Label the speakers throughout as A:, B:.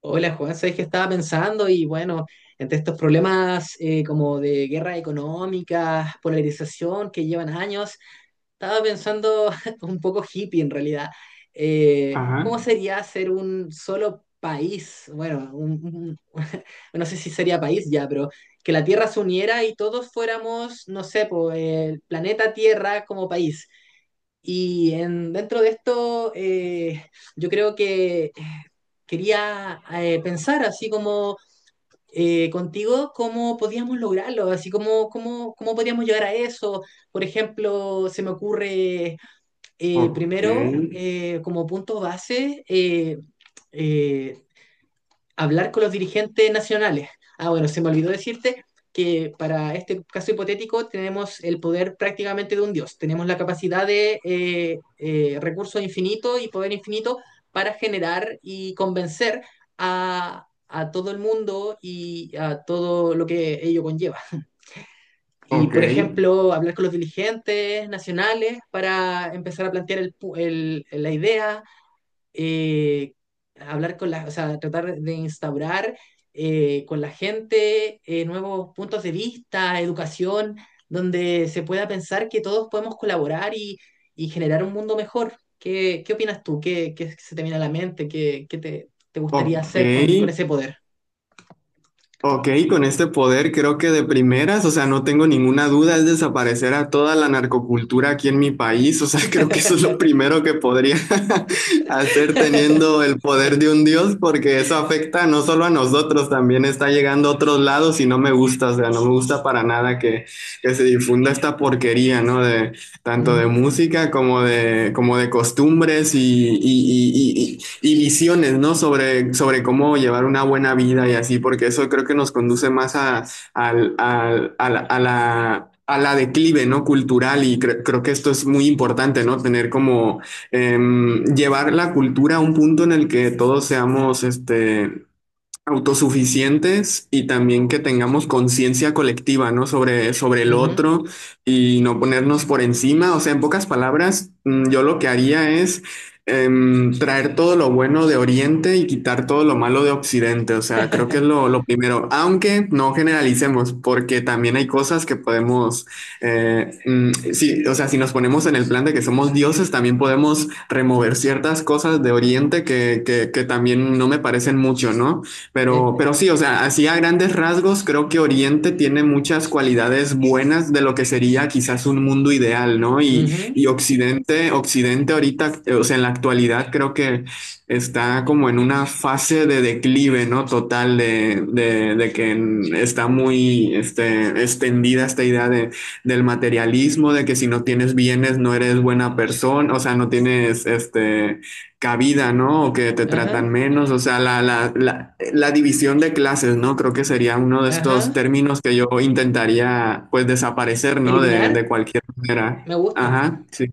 A: Hola Juan, sabes que estaba pensando y bueno, entre estos problemas como de guerra económica, polarización que llevan años, estaba pensando un poco hippie en realidad. Eh,
B: Ajá.
A: ¿cómo sería ser un solo país? Bueno, no sé si sería país ya, pero que la Tierra se uniera y todos fuéramos, no sé, po, el planeta Tierra como país. Y dentro de esto, yo creo que quería pensar así como contigo cómo podíamos lograrlo, así como cómo podíamos llegar a eso. Por ejemplo, se me ocurre
B: Ok,
A: primero como punto base eh, hablar con los dirigentes nacionales. Ah, bueno, se me olvidó decirte que para este caso hipotético tenemos el poder prácticamente de un dios. Tenemos la capacidad de recursos infinitos y poder infinito para generar y convencer a todo el mundo y a todo lo que ello conlleva. Y,
B: ok,
A: por ejemplo, hablar con los dirigentes nacionales para empezar a plantear la idea eh, hablar con la, o sea, tratar de instaurar con la gente nuevos puntos de vista, educación, donde se pueda pensar que todos podemos colaborar y generar un mundo mejor. ¿Qué, qué opinas tú? ¿Qué, qué se te viene a la mente? ¿Qué, te gustaría
B: ok,
A: hacer con ese poder?
B: ok, con este poder creo que de primeras, o sea, no tengo ninguna duda, es desaparecer a toda la narcocultura aquí en mi país, o sea, creo que eso es lo primero que podría hacer teniendo el poder de un dios, porque eso afecta no solo a nosotros, también está llegando a otros lados y no me gusta, o sea, no me gusta para nada que, que se difunda esta porquería, ¿no? De, tanto de
A: Ujú,
B: música como de costumbres y, y visiones, ¿no? Sobre, sobre cómo llevar una buena vida y así, porque eso creo que nos conduce más a, a la declive, ¿no? Cultural y creo que esto es muy importante, ¿no? Tener como llevar la cultura a un punto en el que todos seamos, este, autosuficientes y también que tengamos conciencia colectiva, ¿no? Sobre, sobre el
A: ujú.
B: otro y no ponernos por encima. O sea, en pocas palabras, yo lo que haría es traer todo lo bueno de Oriente y quitar todo lo malo de Occidente. O sea, creo que es lo primero, aunque no generalicemos, porque también hay cosas que podemos, sí, o sea, si nos ponemos en el plan de que somos dioses, también podemos remover ciertas cosas de Oriente que también no me parecen mucho, ¿no?
A: Eh,
B: Pero sí, o sea, así a grandes rasgos, creo que Oriente tiene muchas cualidades buenas de lo que sería quizás un mundo ideal, ¿no?
A: ujú.
B: Y Occidente, Occidente ahorita, o sea, en la actualidad creo que está como en una fase de declive, ¿no? Total de, que está muy este, extendida esta idea de, del materialismo, de que si no tienes bienes no eres buena persona, o sea, no tienes este cabida, ¿no? O que te
A: Ajá,
B: tratan menos, o sea, la división de clases, ¿no? Creo que sería uno de estos
A: ajá.
B: términos que yo intentaría, pues, desaparecer, ¿no? De
A: Eliminar,
B: cualquier manera.
A: me gusta.
B: Ajá, sí.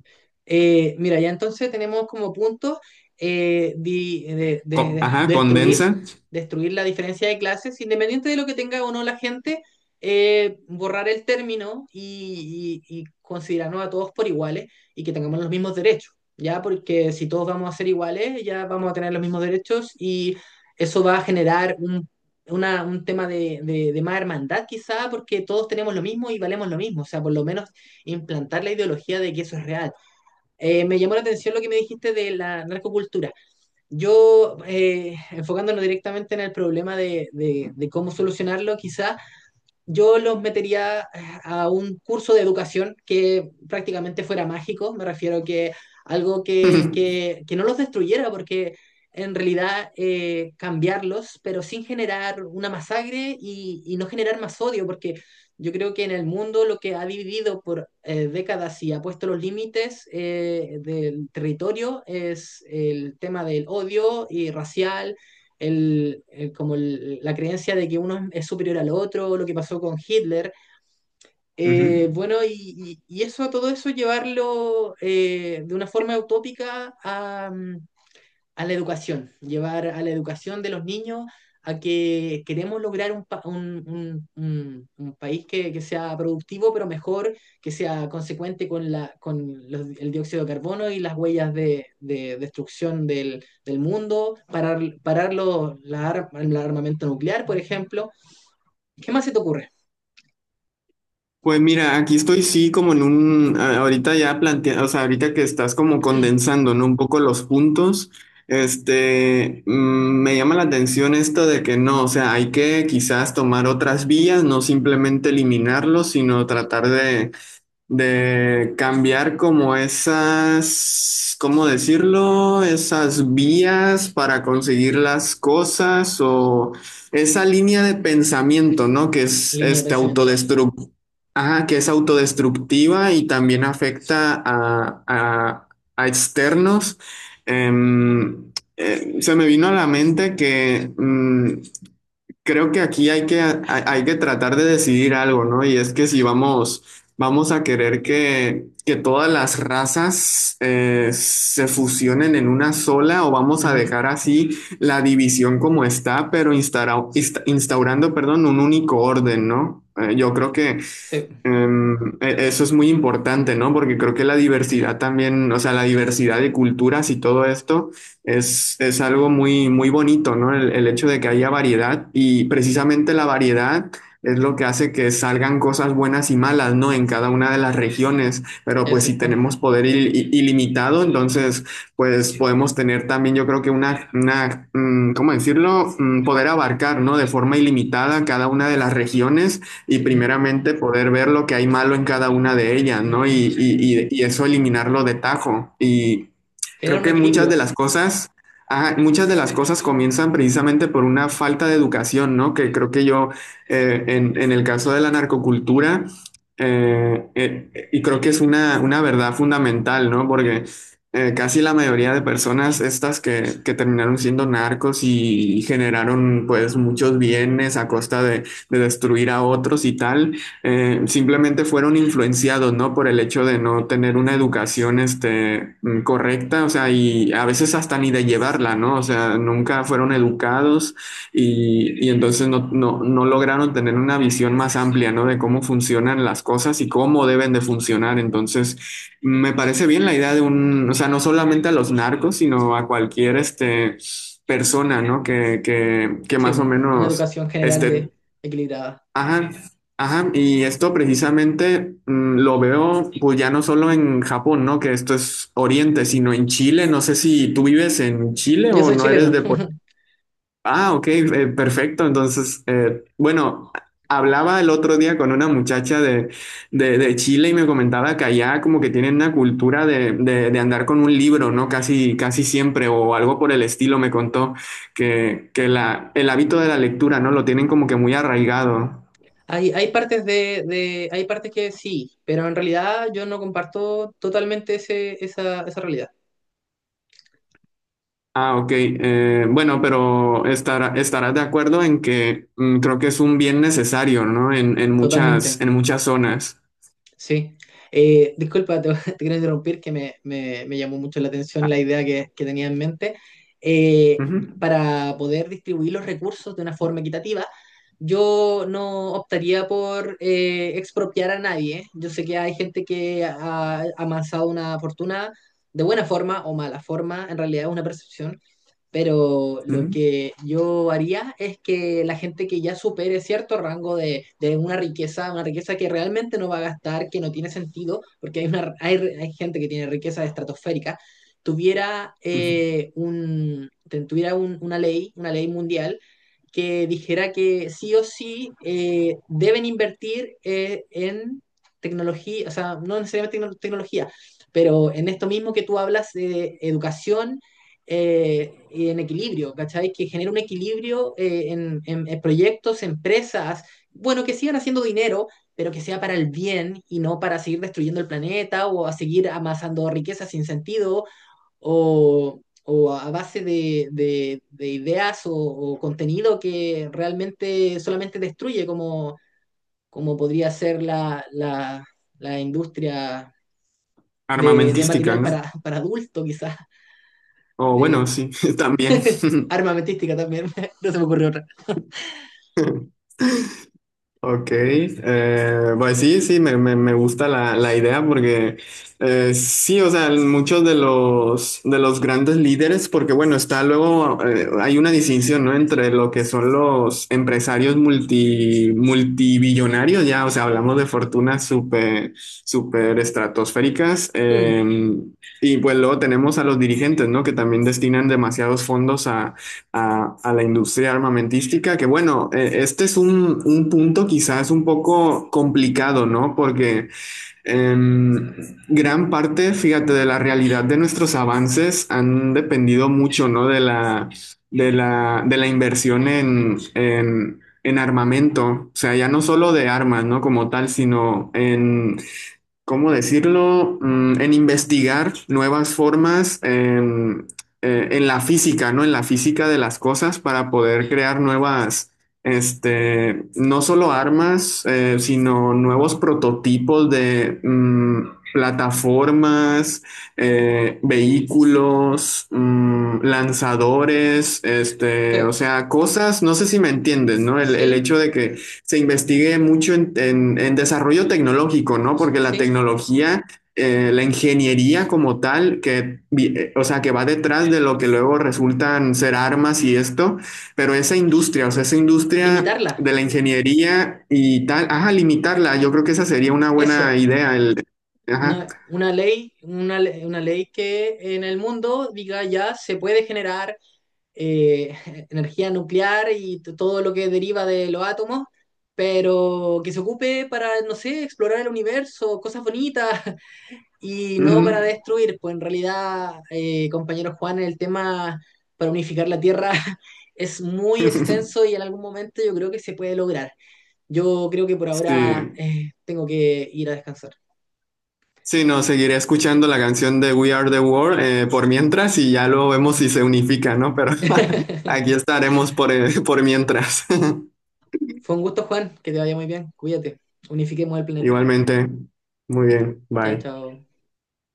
A: Mira, ya entonces tenemos como puntos
B: Ajá, condensa.
A: destruir, destruir la diferencia de clases, independiente de lo que tenga o no la gente, borrar el término y y- considerarnos a todos por iguales y que tengamos los mismos derechos, ¿ya? Porque si todos vamos a ser iguales, ya vamos a tener los mismos derechos y eso va a generar un tema de, de más hermandad quizá, porque todos tenemos lo mismo y valemos lo mismo, o sea, por lo menos implantar la ideología de que eso es real. Me llamó la atención lo que me dijiste de la narcocultura. Yo, enfocándonos directamente en el problema de cómo solucionarlo, quizás yo los metería a un curso de educación que prácticamente fuera mágico, me refiero que algo que no los destruyera, porque en realidad cambiarlos, pero sin generar una masacre y, no generar más odio, porque yo creo que en el mundo lo que ha dividido por décadas y ha puesto los límites del territorio es el tema del odio y racial como la creencia de que uno es superior al otro, lo que pasó con Hitler.
B: Ujú.
A: Bueno, y eso, todo eso llevarlo de una forma utópica a, mm, a la educación, llevar a la educación de los niños a que queremos lograr un, un país que sea productivo, pero mejor, que sea consecuente con, la, con el dióxido de carbono y las huellas de destrucción del, del mundo, parar, parar el armamento nuclear, por ejemplo. ¿Qué más se te ocurre?
B: Pues mira, aquí estoy sí como en un, ahorita ya plantea, o sea, ahorita que estás como condensando, ¿no? Un poco los puntos, me llama la atención esto de que no, o sea, hay que quizás tomar otras vías, no simplemente eliminarlos, sino tratar de cambiar como esas, ¿cómo decirlo? Esas vías para conseguir las cosas o esa línea de pensamiento, ¿no? Que es
A: Línea de
B: este
A: pensamiento.
B: autodestructiva. Ajá, que es autodestructiva y también afecta a, a externos. Em, se me vino a la mente que creo que aquí hay que, hay que tratar de decidir algo, ¿no? Y es que si vamos, vamos a querer que todas las razas se fusionen en una sola o vamos a
A: Ujú.
B: dejar así la división como está, pero instaurando, perdón, un único orden, ¿no? Yo creo que
A: Sí,
B: Em, eso es muy importante, ¿no? Porque creo que la diversidad también, o sea, la diversidad de culturas y todo esto es algo muy, muy bonito, ¿no? El hecho de que haya variedad y precisamente la variedad es lo que hace que salgan cosas buenas y malas, ¿no? En cada una de las regiones, pero pues si
A: exacto.
B: tenemos poder ilimitado, entonces pues podemos tener también, yo creo que una, ¿cómo decirlo? Poder abarcar, ¿no? De forma ilimitada cada una de las regiones y
A: Sí,
B: primeramente poder ver lo que hay malo en cada una de ellas, ¿no?
A: ajá.
B: Y, y eso eliminarlo de tajo. Y
A: Generar
B: creo
A: un
B: que muchas de
A: equilibrio.
B: las cosas, muchas de las cosas comienzan precisamente por una falta de educación, ¿no? Que creo que yo, en el caso de la narcocultura, y creo que es una verdad fundamental, ¿no? Porque casi la mayoría de personas estas que terminaron siendo narcos y generaron pues muchos bienes a costa de destruir a otros y tal, simplemente fueron influenciados, ¿no? Por el hecho de no tener una educación, correcta, o sea, y a veces hasta ni de llevarla, ¿no? O sea, nunca fueron educados y entonces no, no, no lograron tener una visión más amplia, ¿no? De cómo funcionan las cosas y cómo deben de funcionar. Entonces, me parece bien la idea de un, o sea, no solamente a los narcos, sino a cualquier, este, persona, ¿no? Que
A: Sí,
B: más o
A: bu, una
B: menos
A: educación general de
B: este,
A: equilibrada.
B: ajá, ajá, y esto precisamente lo veo pues ya no solo en Japón, ¿no? Que esto es Oriente, sino en Chile. No sé si tú vives en Chile
A: Yo
B: o
A: soy
B: no eres
A: chileno.
B: de por... Ah, ok, perfecto. Entonces, bueno, hablaba el otro día con una muchacha de, de Chile y me comentaba que allá como que tienen una cultura de, de andar con un libro, ¿no? Casi, casi siempre o algo por el estilo, me contó que la, el hábito de la lectura, ¿no? Lo tienen como que muy arraigado.
A: Hay partes hay partes que sí, pero en realidad yo no comparto totalmente ese, esa realidad.
B: Ah, ok. Bueno, pero estará, estarás de acuerdo en que creo que es un bien necesario, ¿no?
A: Totalmente.
B: En muchas zonas.
A: Sí, eh, disculpa, te, te quiero interrumpir, que me llamó mucho la atención la
B: Ah,
A: idea que tenía en mente. Eh,
B: ujú,
A: para poder distribuir los recursos de una forma equitativa, yo no optaría por expropiar a nadie. Yo sé que hay gente que ha amasado una fortuna de buena forma o mala forma, en realidad es una percepción, pero lo
B: ujú,
A: que yo haría es que la gente que ya supere cierto rango de una riqueza que realmente no va a gastar, que no tiene sentido, porque hay, una, hay gente que tiene riqueza estratosférica, tuviera,
B: ujú.
A: un, tuviera una ley mundial que dijera que sí o sí deben invertir en tecnología, o sea, no necesariamente tecnología, pero en esto mismo que tú hablas, de educación eh, en equilibrio, ¿cachai? Que genere un equilibrio en, en proyectos, empresas, bueno, que sigan haciendo dinero, pero que sea para el bien y no para seguir destruyendo el planeta o a seguir amasando riqueza sin sentido o a base de ideas o contenido que realmente solamente destruye, como, como podría ser la industria de
B: Armamentística,
A: material
B: ¿no?
A: para adulto, quizás.
B: O bueno,
A: De,
B: sí, también.
A: armamentística también, no se me ocurrió otra.
B: Ok, pues sí, sí, me, me gusta la, la idea porque sí, o sea, muchos de los grandes líderes, porque bueno, está luego, hay una distinción, ¿no? Entre lo que son los empresarios multi, multibillonarios, ya, o sea, hablamos de fortunas súper, súper estratosféricas,
A: Hmm,
B: y pues luego tenemos a los dirigentes, ¿no? Que también destinan demasiados fondos a la industria armamentística, que bueno, este es un punto quizás un poco complicado, ¿no? Porque em, gran parte, fíjate, de la realidad de nuestros avances han dependido mucho, ¿no? De la, de la, de la inversión en armamento, o sea, ya no solo de armas, ¿no? Como tal, sino en ¿cómo decirlo? En investigar nuevas formas en la física, ¿no? En la física de las cosas para poder crear nuevas, este, no solo armas, sino nuevos prototipos de plataformas, vehículos, lanzadores,
A: sí,
B: este, o sea, cosas, no sé si me entiendes, ¿no? El
A: sí,
B: hecho de que se investigue mucho en, en desarrollo tecnológico, ¿no? Porque la
A: sí.
B: tecnología, la ingeniería como tal, que, o sea, que va detrás de lo que luego resultan ser armas y esto, pero esa industria, o sea, esa industria
A: Limitarla,
B: de la ingeniería y tal, ajá, limitarla, yo creo que esa sería una buena
A: eso.
B: idea, el, ajá.
A: No, una ley, una ley que en el mundo diga ya se puede generar eh, energía nuclear y todo lo que deriva de los átomos, pero que se ocupe para, no sé, explorar el universo, cosas bonitas, y no para
B: Ujú.
A: destruir, pues en realidad, compañero Juan, el tema para unificar la Tierra es muy extenso y en algún momento yo creo que se puede lograr. Yo creo que por ahora
B: Sí.
A: tengo que ir a descansar.
B: Sí, no, seguiré escuchando la canción de We Are the World por mientras y ya luego vemos si se unifica, ¿no? Pero aquí estaremos por mientras.
A: Fue un gusto, Juan, que te vaya muy bien. Cuídate. Unifiquemos el planeta.
B: Igualmente. Muy bien,
A: Chao,
B: bye.
A: chao.